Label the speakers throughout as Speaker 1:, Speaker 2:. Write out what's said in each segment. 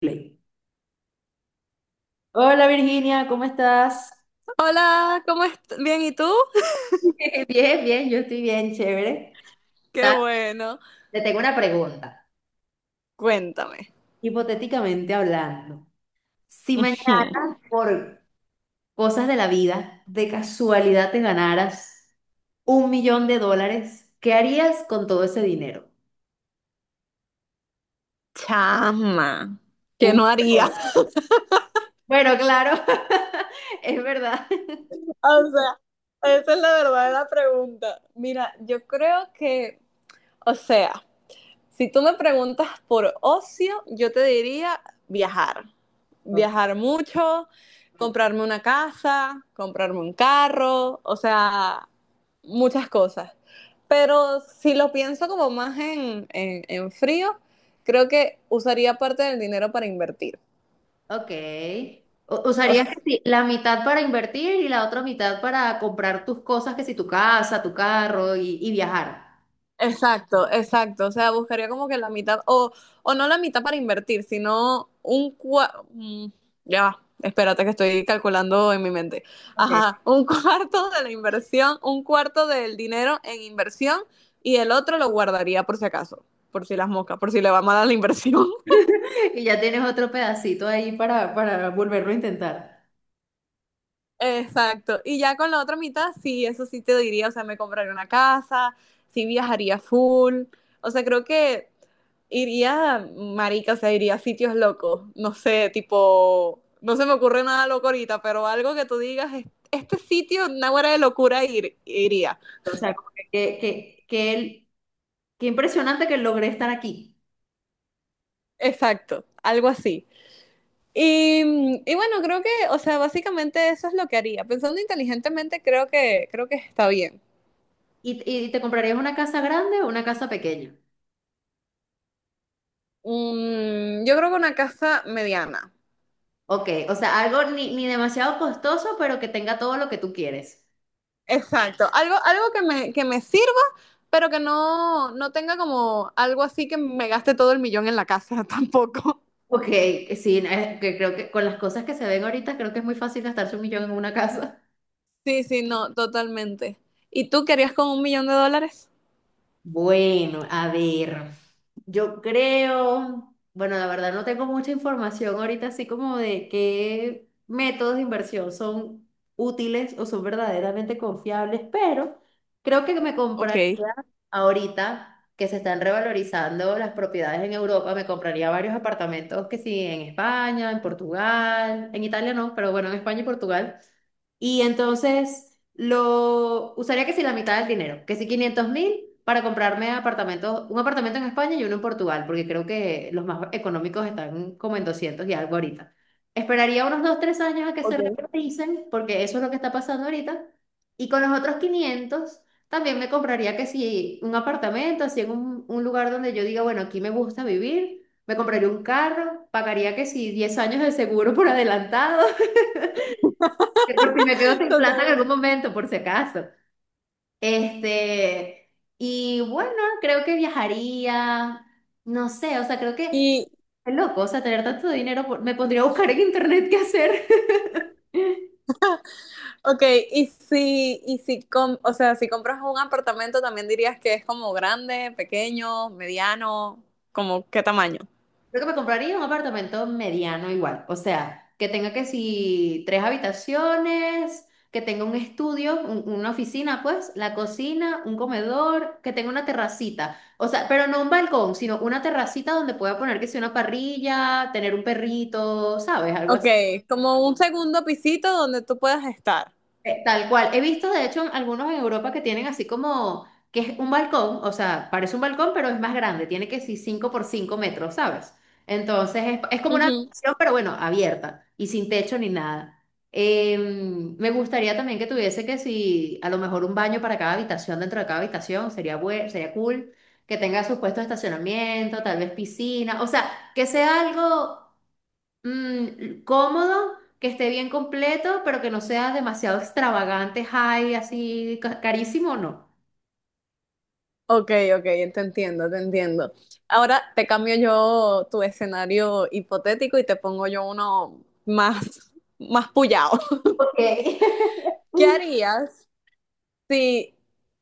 Speaker 1: Play. Hola Virginia, ¿cómo estás?
Speaker 2: Hola, ¿cómo estás? Bien, ¿y tú?
Speaker 1: Bien, bien, yo estoy bien, chévere.
Speaker 2: Qué
Speaker 1: Ta-
Speaker 2: bueno.
Speaker 1: Te tengo una pregunta.
Speaker 2: Cuéntame.
Speaker 1: Hipotéticamente hablando, si
Speaker 2: Hmm,
Speaker 1: mañana, por cosas de la vida, de casualidad te ganaras 1 millón de dólares, ¿qué harías con todo ese dinero?
Speaker 2: Chama, ¿qué
Speaker 1: un
Speaker 2: no haría?
Speaker 1: millón. Bueno, claro, es verdad.
Speaker 2: O sea, esa es la verdadera pregunta. Mira, yo creo que, o sea, si tú me preguntas por ocio, yo te diría viajar. Viajar mucho, comprarme una casa, comprarme un carro, o sea, muchas cosas. Pero si lo pienso como más en, frío, creo que usaría parte del dinero para invertir.
Speaker 1: Ok.
Speaker 2: O
Speaker 1: ¿Usarías que sí, la mitad para invertir y la otra mitad para comprar tus cosas, que si tu casa, tu carro y viajar?
Speaker 2: Exacto, exacto. O sea, buscaría como que la mitad, o no la mitad para invertir, sino un cuarto. Ya va, espérate que estoy calculando en mi mente.
Speaker 1: Ok.
Speaker 2: Ajá, un cuarto de la inversión, un cuarto del dinero en inversión y el otro lo guardaría por si acaso, por si las moscas, por si le va mal a la inversión.
Speaker 1: Y ya tienes otro pedacito ahí para volverlo a intentar.
Speaker 2: Exacto. Y ya con la otra mitad, sí, eso sí te diría, o sea, me compraría una casa, sí viajaría full. O sea, creo que iría, marica, o sea, iría a sitios locos. No sé, tipo, no se me ocurre nada loco ahorita, pero algo que tú digas, este sitio, una hora de locura, iría.
Speaker 1: O sea, como que qué impresionante que logré estar aquí.
Speaker 2: Exacto, algo así. Y bueno, creo que, o sea, básicamente eso es lo que haría. Pensando inteligentemente, creo que está bien.
Speaker 1: ¿Y te comprarías una casa grande o una casa pequeña?
Speaker 2: Yo creo que una casa mediana.
Speaker 1: Ok, o sea, algo ni demasiado costoso, pero que tenga todo lo que tú quieres.
Speaker 2: Exacto. Algo que me, sirva, pero que no tenga como algo así que me gaste todo el millón en la casa tampoco.
Speaker 1: Ok, sí, que creo que con las cosas que se ven ahorita, creo que es muy fácil gastarse 1 millón en una casa.
Speaker 2: Sí, sí, no, totalmente. ¿Y tú querías con $1.000.000?
Speaker 1: Bueno, a ver, yo creo, bueno, la verdad no tengo mucha información ahorita, así como de qué métodos de inversión son útiles o son verdaderamente confiables, pero creo que me compraría
Speaker 2: Ok,
Speaker 1: ahorita que se están revalorizando las propiedades en Europa, me compraría varios apartamentos que sí, en España, en Portugal, en Italia no, pero bueno, en España y Portugal. Y entonces lo usaría que si la mitad del dinero, que si 500 mil para comprarme apartamentos, un apartamento en España y uno en Portugal, porque creo que los más económicos están como en 200 y algo ahorita. Esperaría unos 2 o 3 años a que se
Speaker 2: ok.
Speaker 1: revaloricen, porque eso es lo que está pasando ahorita. Y con los otros 500 también me compraría que si un apartamento, así en un lugar donde yo diga, bueno, aquí me gusta vivir, me compraría un carro, pagaría que si 10 años de seguro por adelantado. Que por si me quedo sin plata en algún
Speaker 2: Totalmente.
Speaker 1: momento, por si acaso. Este, y bueno, creo que viajaría, no sé, o sea, creo que
Speaker 2: Y,
Speaker 1: es loco, o sea, tener tanto dinero, me pondría a buscar en internet qué hacer.
Speaker 2: ok, y si, y si, com- o sea, si compras un apartamento, también dirías que es como grande, pequeño, mediano, como qué tamaño.
Speaker 1: Creo que me compraría un apartamento mediano igual, o sea, que tenga que si tres habitaciones, que tenga un estudio, una oficina, pues, la cocina, un comedor, que tenga una terracita, o sea, pero no un balcón, sino una terracita donde pueda poner que sea una parrilla, tener un perrito, ¿sabes? Algo.
Speaker 2: Ok, como un segundo pisito donde tú puedas estar.
Speaker 1: Tal cual. He visto, de hecho, algunos en Europa que tienen así como, que es un balcón, o sea, parece un balcón, pero es más grande, tiene que ser 5 por 5 metros, ¿sabes? Entonces es como una
Speaker 2: Ujú.
Speaker 1: habitación, pero bueno, abierta y sin techo ni nada. Eh, me gustaría también que tuviese que si, a lo mejor un baño para cada habitación, dentro de cada habitación, sería cool, que tenga sus puestos de estacionamiento, tal vez piscina, o sea, que sea algo cómodo, que esté bien completo, pero que no sea demasiado extravagante, high, así carísimo, no.
Speaker 2: Ok, ok, te entiendo, te entiendo. Ahora te cambio yo tu escenario hipotético y te pongo yo uno más, más puyado.
Speaker 1: Ok.
Speaker 2: ¿Qué harías si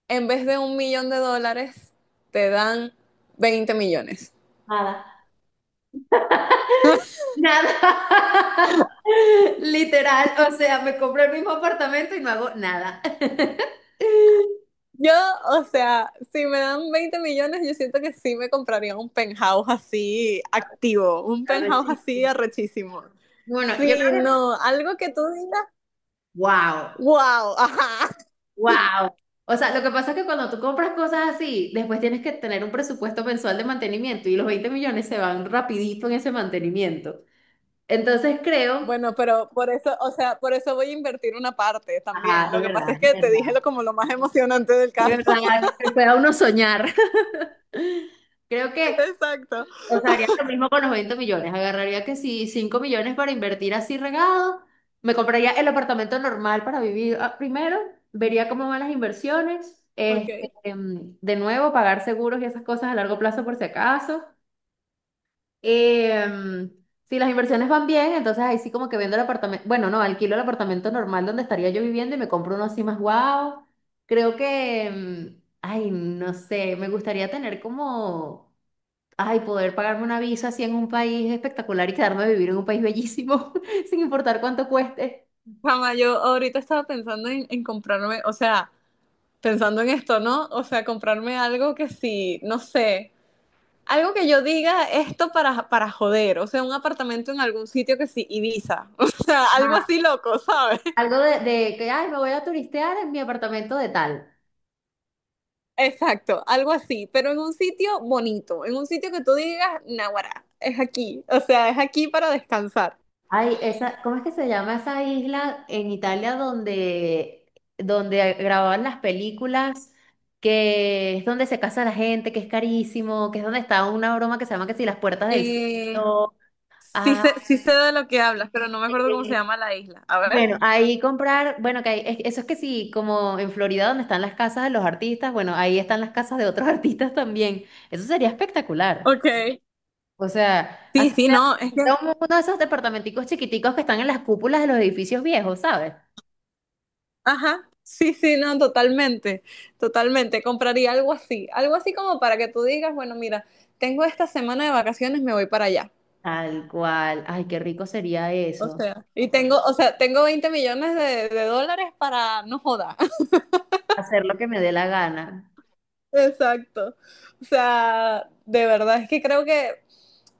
Speaker 2: en vez de $1.000.000 te dan 20 millones?
Speaker 1: Nada. Nada. Literal, o sea, me compré el mismo apartamento y no hago nada.
Speaker 2: Yo, o sea, si me dan 20 millones, yo siento que sí me compraría un penthouse así activo, un penthouse así
Speaker 1: Arrechísimo.
Speaker 2: arrechísimo.
Speaker 1: Bueno, yo creo
Speaker 2: Sí,
Speaker 1: que,
Speaker 2: no, algo que tú digas,
Speaker 1: wow,
Speaker 2: wow, ajá.
Speaker 1: wow. O sea, lo que pasa es que cuando tú compras cosas así, después tienes que tener un presupuesto mensual de mantenimiento y los 20 millones se van rapidito en ese mantenimiento. Entonces creo,
Speaker 2: Bueno, pero por eso, o sea, por eso voy a invertir una parte
Speaker 1: ajá,
Speaker 2: también.
Speaker 1: es
Speaker 2: Lo que pasa
Speaker 1: verdad,
Speaker 2: es
Speaker 1: es
Speaker 2: que te
Speaker 1: verdad,
Speaker 2: dije lo como lo más emocionante del
Speaker 1: es
Speaker 2: caso.
Speaker 1: verdad, que pueda uno soñar. Creo que,
Speaker 2: Exacto.
Speaker 1: o sea, haría lo mismo con los 20 millones. Agarraría que si 5 millones para invertir así regado, me compraría el apartamento normal para vivir ah, primero, vería cómo van las inversiones, este,
Speaker 2: Ok.
Speaker 1: de nuevo, pagar seguros y esas cosas a largo plazo por si acaso. Em, si las inversiones van bien, entonces ahí sí como que vendo el apartamento, bueno, no, alquilo el apartamento normal donde estaría yo viviendo y me compro uno así más guau. Creo que, ay, no sé, me gustaría tener como, ay, poder pagarme una visa así en un país espectacular y quedarme a vivir en un país bellísimo, sin importar cuánto cueste.
Speaker 2: Jamás, yo ahorita estaba pensando en, comprarme, o sea, pensando en esto, ¿no? O sea, comprarme algo que sí, no sé, algo que yo diga esto para, joder, o sea, un apartamento en algún sitio que sí, Ibiza, o sea, algo así loco, ¿sabes?
Speaker 1: Algo de que, ay, me voy a turistear en mi apartamento de tal.
Speaker 2: Exacto, algo así, pero en un sitio bonito, en un sitio que tú digas, Naguará, es aquí, o sea, es aquí para descansar.
Speaker 1: Ay, esa, ¿cómo es que se llama esa isla en Italia donde grababan las películas? Que es donde se casa la gente, que es carísimo, que es donde está una broma que se llama que si las puertas del cielo.
Speaker 2: Eh, sí sé,
Speaker 1: Ah,
Speaker 2: sí sé de lo que hablas, pero no me acuerdo cómo se
Speaker 1: eh,
Speaker 2: llama la isla. A ver.
Speaker 1: bueno, ahí comprar, bueno, eso es que sí, como en Florida donde están las casas de los artistas, bueno, ahí están las casas de otros artistas también. Eso sería espectacular.
Speaker 2: Ok.
Speaker 1: O sea,
Speaker 2: Sí,
Speaker 1: así
Speaker 2: sí,
Speaker 1: sea
Speaker 2: no, es que.
Speaker 1: sea uno de esos departamenticos chiquiticos que están en las cúpulas de los edificios viejos, ¿sabes?
Speaker 2: Ajá, sí, sí, no, totalmente, totalmente. Compraría algo así como para que tú digas, bueno, mira, tengo esta semana de vacaciones, me voy para allá.
Speaker 1: Tal cual. Ay, qué rico sería
Speaker 2: O
Speaker 1: eso.
Speaker 2: sea, y tengo, o sea, tengo 20 millones de dólares para no joda.
Speaker 1: Hacer lo que me dé la gana.
Speaker 2: Exacto. O sea, de verdad es que creo que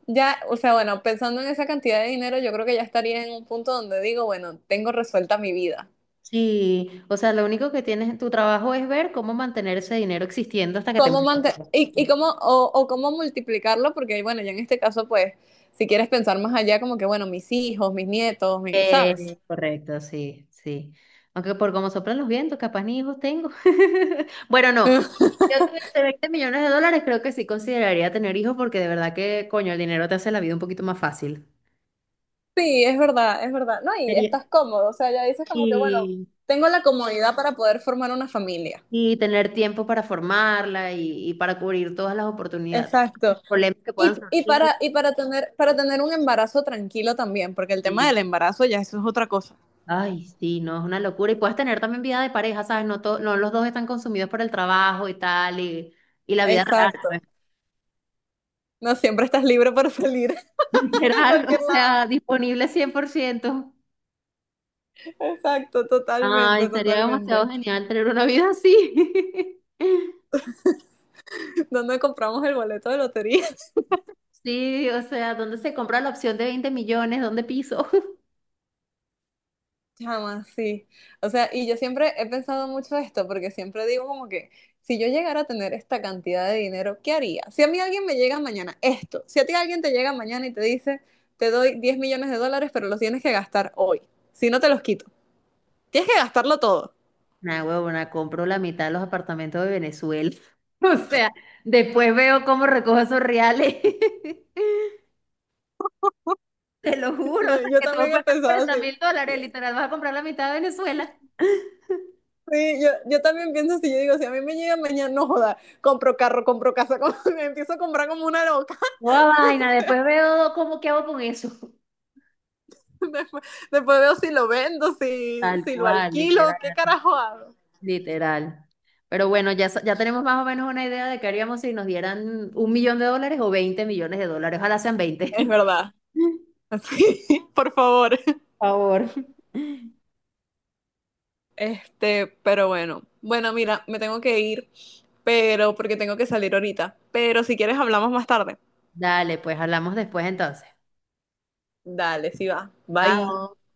Speaker 2: ya, o sea, bueno, pensando en esa cantidad de dinero, yo creo que ya estaría en un punto donde digo, bueno, tengo resuelta mi vida.
Speaker 1: Sí, o sea, lo único que tienes en tu trabajo es ver cómo mantener ese dinero existiendo hasta que te
Speaker 2: ¿Cómo
Speaker 1: mueras.
Speaker 2: mante- y, y cómo, o cómo multiplicarlo? Porque, bueno, ya en este caso, pues, si quieres pensar más allá, como que, bueno, mis hijos, mis nietos, ¿sabes?
Speaker 1: Correcto, sí, sí. Aunque por cómo soplan los vientos, capaz ni hijos tengo. Bueno, no. Yo tuviese 20 millones de dólares, creo que sí consideraría tener hijos porque de verdad que, coño, el dinero te hace la vida un poquito más fácil.
Speaker 2: Sí, es verdad, es verdad. No, y
Speaker 1: Sería.
Speaker 2: estás cómodo, o sea, ya dices como que, bueno,
Speaker 1: Y
Speaker 2: tengo la comodidad para poder formar una familia.
Speaker 1: Y tener tiempo para formarla y para cubrir todas las oportunidades,
Speaker 2: Exacto.
Speaker 1: problemas que puedan
Speaker 2: Y, y
Speaker 1: surgir.
Speaker 2: para, y para tener, para tener un embarazo tranquilo también, porque el tema
Speaker 1: Y,
Speaker 2: del embarazo ya eso es otra cosa.
Speaker 1: ay, sí, no, es una locura. Y puedes tener también vida de pareja, ¿sabes? No, no los dos están consumidos por el trabajo y tal, y la vida real,
Speaker 2: Exacto.
Speaker 1: pues,
Speaker 2: No siempre estás libre para salir a
Speaker 1: literal,
Speaker 2: cualquier
Speaker 1: o
Speaker 2: lado.
Speaker 1: sea, disponible 100%.
Speaker 2: Exacto,
Speaker 1: Ay,
Speaker 2: totalmente,
Speaker 1: sería demasiado
Speaker 2: totalmente.
Speaker 1: genial tener una vida así.
Speaker 2: ¿Dónde compramos el boleto de lotería?
Speaker 1: Sí, o sea, ¿dónde se compra la opción de 20 millones? ¿Dónde piso?
Speaker 2: Chama, sí. O sea, y yo siempre he pensado mucho esto, porque siempre digo como que, si yo llegara a tener esta cantidad de dinero, ¿qué haría? Si a mí alguien me llega mañana esto, si a ti alguien te llega mañana y te dice, te doy $10.000.000, pero los tienes que gastar hoy, si no te los quito, tienes que gastarlo todo.
Speaker 1: Nah, huevona, compro la mitad de los apartamentos de Venezuela. O sea, después veo cómo recojo esos reales. Te lo juro, o
Speaker 2: No,
Speaker 1: sea,
Speaker 2: yo
Speaker 1: que todo
Speaker 2: también he
Speaker 1: cuesta
Speaker 2: pensado
Speaker 1: cuarenta
Speaker 2: así.
Speaker 1: mil dólares, literal, vas a comprar la mitad de Venezuela.
Speaker 2: Sí, yo también pienso así, yo digo, si a mí me llega mañana, no joda, compro carro, compro casa, compro, me empiezo a comprar como una loca.
Speaker 1: Toda vaina, después veo cómo qué hago con eso.
Speaker 2: Después, después veo si lo vendo,
Speaker 1: Tal
Speaker 2: si lo
Speaker 1: cual,
Speaker 2: alquilo,
Speaker 1: literal,
Speaker 2: qué carajo hago.
Speaker 1: literal. Pero bueno, ya, ya tenemos más o menos una idea de qué haríamos si nos dieran 1 millón de dólares o 20 millones de dólares. Ojalá sean 20.
Speaker 2: Es verdad. Así, por favor.
Speaker 1: Por favor.
Speaker 2: Este, pero bueno. Bueno, mira, me tengo que ir, pero porque tengo que salir ahorita. Pero si quieres hablamos más tarde.
Speaker 1: Dale, pues hablamos después entonces.
Speaker 2: Dale, sí va. Bye.
Speaker 1: Chao.